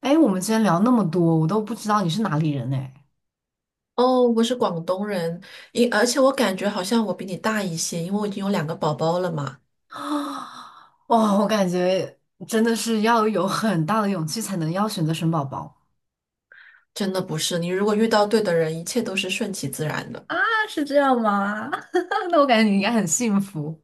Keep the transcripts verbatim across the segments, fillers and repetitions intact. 哎，我们今天聊那么多，我都不知道你是哪里人哎。哦，我是广东人，因而且我感觉好像我比你大一些，因为我已经有两个宝宝了嘛。啊，哇，我感觉真的是要有很大的勇气才能要选择生宝宝。真的不是，你如果遇到对的人，一切都是顺其自然的。啊，是这样吗？那我感觉你应该很幸福。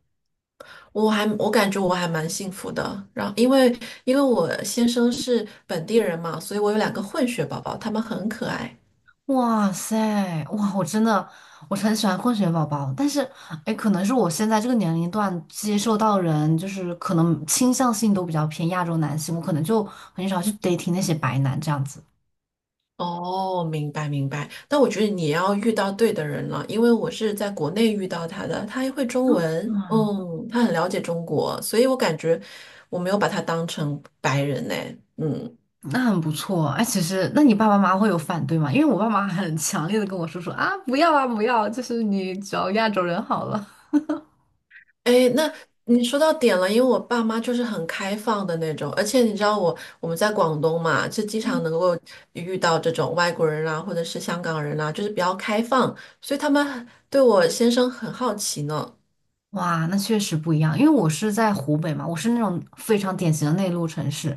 我还我感觉我还蛮幸福的。然后因为因为我先生是本地人嘛，所以我有两个混血宝宝，他们很可爱。哇塞，哇，我真的我很喜欢混血宝宝，但是哎，可能是我现在这个年龄段接受到人就是可能倾向性都比较偏亚洲男性，我可能就很少去 dating 那些白男这样子。哦，明白明白，但我觉得你也要遇到对的人了，因为我是在国内遇到他的，他还会中文，嗯。嗯，他很了解中国，所以我感觉我没有把他当成白人呢，嗯。那很不错啊。哎，其实，那你爸爸妈妈会有反对吗？因为我爸妈很强烈的跟我说说啊，不要啊，不要，就是你找亚洲人好了。哎，那你说到点了，因为我爸妈就是很开放的那种，而且你知道我我们在广东嘛，就经常能嗯，够遇到这种外国人啊，或者是香港人啊，就是比较开放，所以他们对我先生很好奇呢。哇，那确实不一样，因为我是在湖北嘛，我是那种非常典型的内陆城市，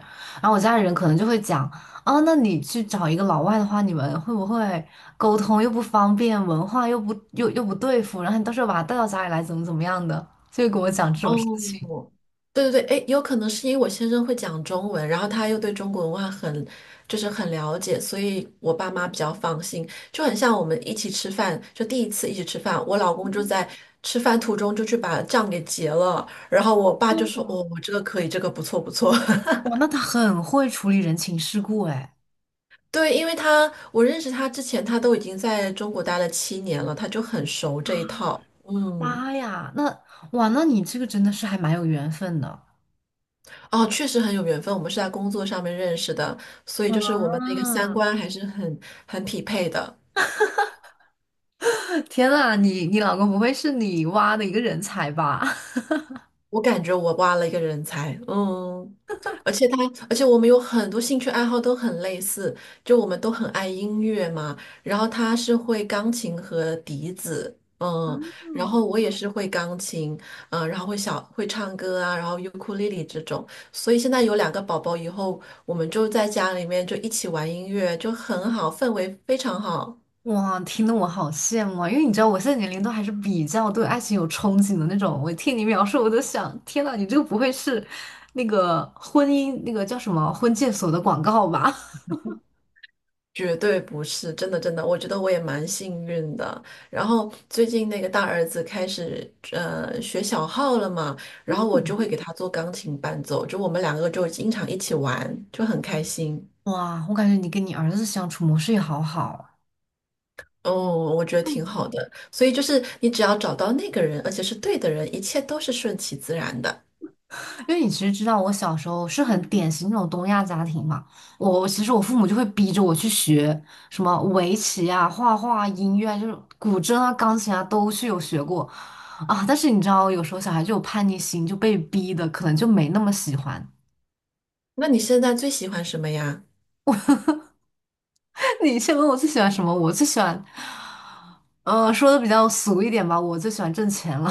然后我家里人可能就会讲，啊，那你去找一个老外的话，你们会不会沟通又不方便，文化又不又又不对付，然后你到时候把他带到家里来，怎么怎么样的，就会跟我讲这种事情。哦，对对对。哎，有可能是因为我先生会讲中文，然后他又对中国文化很，就是很了解，所以我爸妈比较放心。就很像我们一起吃饭，就第一次一起吃饭，我老公就在吃饭途中就去把账给结了，然后我爸就说：“哦，我这个可以，这个不错不错。” 哇，那他很会处理人情世故，哎。对，因为他我认识他之前，他都已经在中国待了七年了，他就很熟这一套。嗯。妈呀，那哇，那你这个真的是还蛮有缘分的。哦，确实很有缘分，我们是在工作上面认识的，所以就啊！是我们的一个三观还是很很匹配的。天呐，你你老公不会是你挖的一个人才吧？我感觉我挖了一个人才，嗯，而且他，而且我们有很多兴趣爱好都很类似，就我们都很爱音乐嘛。然后他是会钢琴和笛子，嗯，然后我也是会钢琴，嗯，然后会小会唱歌啊，然后尤克里里这种。所以现在有两个宝宝以后，我们就在家里面就一起玩音乐，就很好，氛围非常好。哇，听得我好羡慕啊！因为你知道我现在年龄都还是比较对爱情有憧憬的那种。我听你描述，我都想，天呐，你这个不会是那个婚姻那个叫什么婚介所的广告吧？绝对不是，真的真的，我觉得我也蛮幸运的。然后最近那个大儿子开始呃学小号了嘛，然后我就会 给他做钢琴伴奏，就我们两个就经常一起玩，就很开心。哇，我感觉你跟你儿子相处模式也好好。嗯，我觉得挺好的。所以就是你只要找到那个人，而且是对的人，一切都是顺其自然的。因为你其实知道，我小时候是很典型那种东亚家庭嘛。我其实我父母就会逼着我去学什么围棋啊、画画啊、音乐啊，就是古筝啊、钢琴啊，都是有学过啊。但是你知道，有时候小孩就有叛逆心，就被逼的，可能就没那么喜欢。那你现在最喜欢什么呀？你先问我最喜欢什么，我最喜欢，呃，说的比较俗一点吧，我最喜欢挣钱了。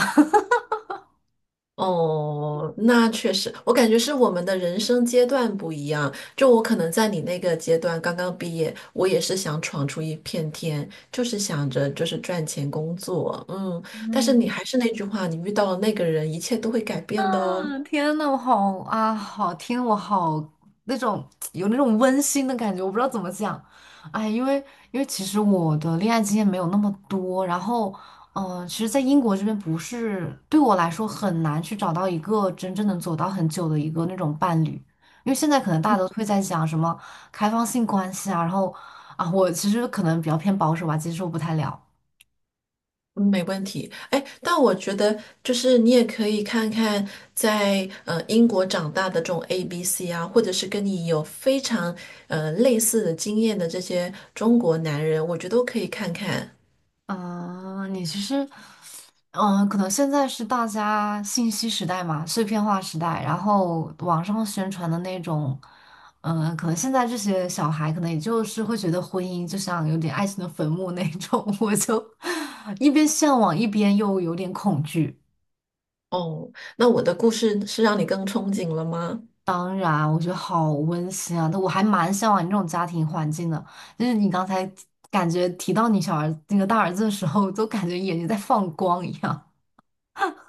哦，那确实，我感觉是我们的人生阶段不一样。就我可能在你那个阶段刚刚毕业，我也是想闯出一片天，就是想着就是赚钱工作，嗯。但是你还是那句话，你遇到了那个人，一切都会改变的哦。嗯，天呐，我好啊，好听，我好那种有那种温馨的感觉，我不知道怎么讲，哎，因为因为其实我的恋爱经验没有那么多，然后嗯、呃其实，在英国这边不是对我来说很难去找到一个真正能走到很久的一个那种伴侣，因为现在可能大家都会在讲什么开放性关系啊，然后啊，我其实可能比较偏保守吧，接受不太了。嗯，没问题。哎，但我觉得就是你也可以看看在呃英国长大的这种 A B C 啊，或者是跟你有非常呃类似的经验的这些中国男人，我觉得都可以看看。啊，你其实，嗯，可能现在是大家信息时代嘛，碎片化时代，然后网上宣传的那种，嗯，可能现在这些小孩可能也就是会觉得婚姻就像有点爱情的坟墓那种，我就一边向往，一边又有点恐惧。哦，那我的故事是让你更憧憬了吗？当然，我觉得好温馨啊，但我还蛮向往你这种家庭环境的。就是你刚才感觉提到你小儿那个大儿子的时候，都感觉眼睛在放光一样。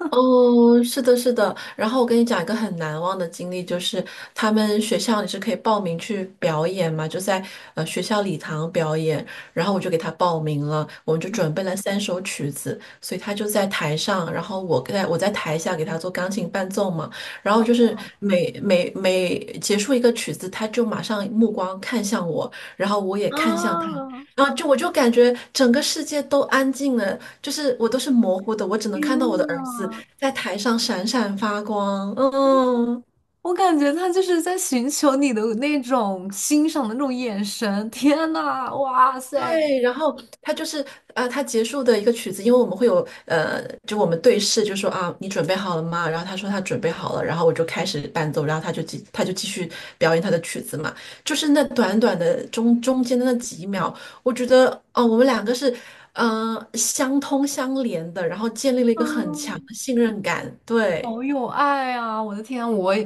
哦，是的，是的。然后我跟你讲一个很难忘的经历，就是他们学校你是可以报名去表演嘛，就在呃学校礼堂表演。然后我就给他报名了，我们就准备了三首曲子，所以他就在台上，然后我在我在台下给他做钢琴伴奏嘛。然后就是每每每结束一个曲子，他就马上目光看向我，然后我也看向他。啊，然后就我就感觉整个世界都安静了，就是我都是模糊的，我只能看到我的儿子。在台上闪闪发光，嗯，我感觉他就是在寻求你的那种欣赏的那种眼神。天呐，哇塞，对，然后他就是呃，他结束的一个曲子，因为我们会有呃，就我们对视，就说啊，你准备好了吗？然后他说他准备好了，然后我就开始伴奏，然后他就继他就继续表演他的曲子嘛，就是那短短的中中间的那几秒，我觉得哦，我们两个是嗯、呃相通相连的，然后建立了一个很强的信任感，对，好有爱啊！我的天啊，我也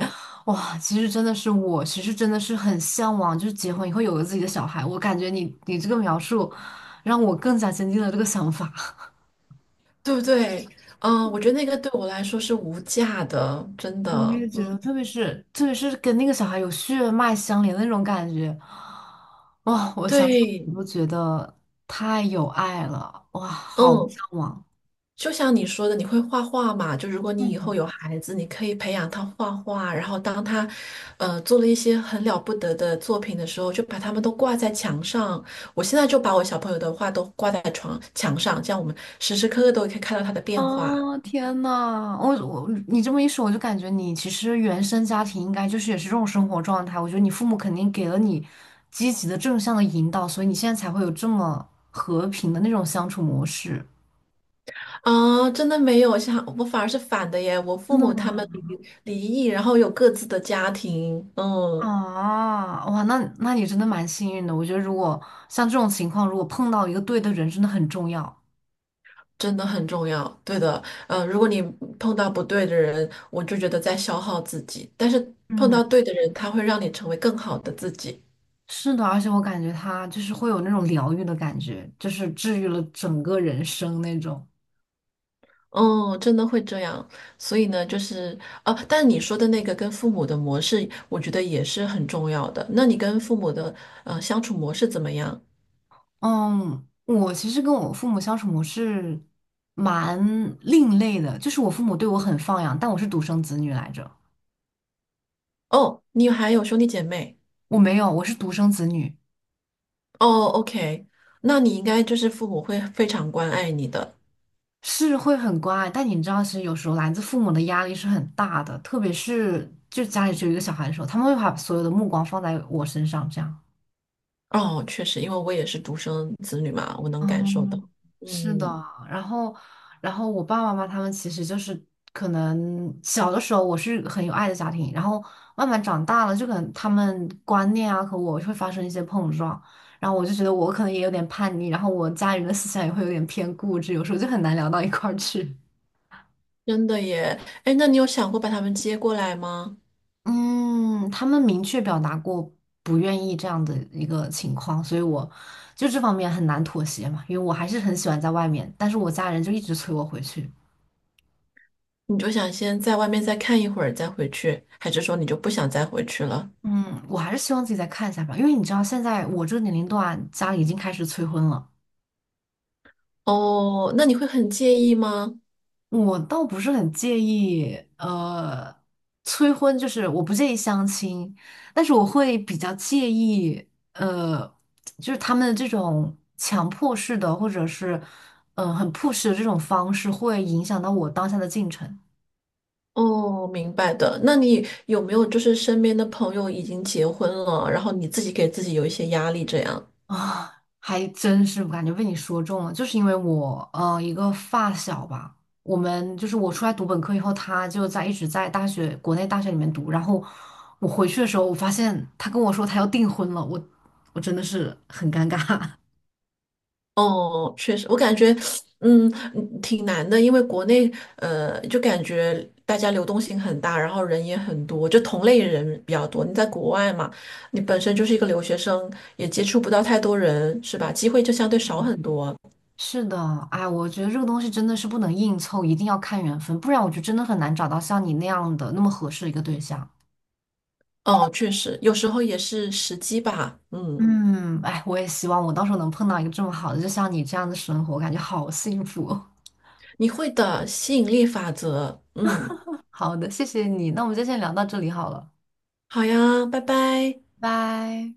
哇，其实真的是我，其实真的是很向往，就是结婚以后有了自己的小孩。我感觉你你这个描述，让我更加坚定了这个想法。对不对？嗯，我觉得那个对我来说是无价的，真我的。也觉得，特别是特别是跟那个小孩有血脉相连的那种感觉，哇！我想想，对，我都觉得太有爱了，哇，好嗯，向往。就像你说的，你会画画嘛？就如果你以后嗯。有孩子，你可以培养他画画，然后当他，呃，做了一些很了不得的作品的时候，就把他们都挂在墙上。我现在就把我小朋友的画都挂在床墙上，这样我们时时刻刻都可以看到他的变化。啊，天呐，我我你这么一说，我就感觉你其实原生家庭应该就是也是这种生活状态。我觉得你父母肯定给了你积极的正向的引导，所以你现在才会有这么和平的那种相处模式。啊，真的没有，像我反而是反的耶。我真父的母他们吗？离离异，然后有各自的家庭，嗯。啊，哇，那那你真的蛮幸运的。我觉得如果像这种情况，如果碰到一个对的人，真的很重要。真的很重要，对的，呃，如果你碰到不对的人，我就觉得在消耗自己，但是碰嗯，到对的人，他会让你成为更好的自己。是的，而且我感觉他就是会有那种疗愈的感觉，就是治愈了整个人生那种。哦，真的会这样，所以呢，就是哦，啊但你说的那个跟父母的模式，我觉得也是很重要的。那你跟父母的呃相处模式怎么样？嗯，我其实跟我父母相处模式蛮另类的，就是我父母对我很放养，但我是独生子女来着，哦，你还有兄弟姐妹？我没有，我是独生子女，哦，OK，那你应该就是父母会非常关爱你的。是会很乖，但你知道，其实有时候来自父母的压力是很大的，特别是就家里只有一个小孩的时候，他们会把所有的目光放在我身上，这样。哦，确实，因为我也是独生子女嘛，我能哦感受到。是的，嗯。然后，然后我爸爸妈妈他们其实就是可能小的时候我是很有爱的家庭，然后慢慢长大了，就可能他们观念啊和我会发生一些碰撞，然后我就觉得我可能也有点叛逆，然后我家人的思想也会有点偏固执，有时候就很难聊到一块儿去。真的耶，哎，那你有想过把他们接过来吗？嗯，他们明确表达过不愿意这样的一个情况，所以我就这方面很难妥协嘛，因为我还是很喜欢在外面，但是我家人就一直催我回去。你就想先在外面再看一会儿再回去，还是说你就不想再回去了？嗯，我还是希望自己再看一下吧，因为你知道现在我这个年龄段家里已经开始催婚了，哦，那你会很介意吗？我倒不是很介意，呃，催婚就是我不介意相亲，但是我会比较介意，呃，就是他们这种强迫式的或者是，嗯、很 push 的这种方式会影响到我当下的进程。哦，明白的。那你有没有就是身边的朋友已经结婚了，然后你自己给自己有一些压力这样？啊，还真是，我感觉被你说中了，就是因为我呃一个发小吧，我们就是我出来读本科以后，他就在一直在大学国内大学里面读，然后我回去的时候，我发现他跟我说他要订婚了，我我真的是很尴尬。哦，确实，我感觉，嗯，挺难的，因为国内，呃，就感觉大家流动性很大，然后人也很多，就同类人比较多。你在国外嘛，你本身就是一个留学生，也接触不到太多人，是吧？机会就相对少很多。是的，哎，我觉得这个东西真的是不能硬凑，一定要看缘分，不然我就真的很难找到像你那样的那么合适的一个对象。哦，确实，有时候也是时机吧。嗯，嗯，哎，我也希望我到时候能碰到一个这么好的，就像你这样的生活，感觉好幸福。你会的，吸引力法则。嗯，好的，谢谢你，那我们就先聊到这里好了，好呀，拜拜。拜。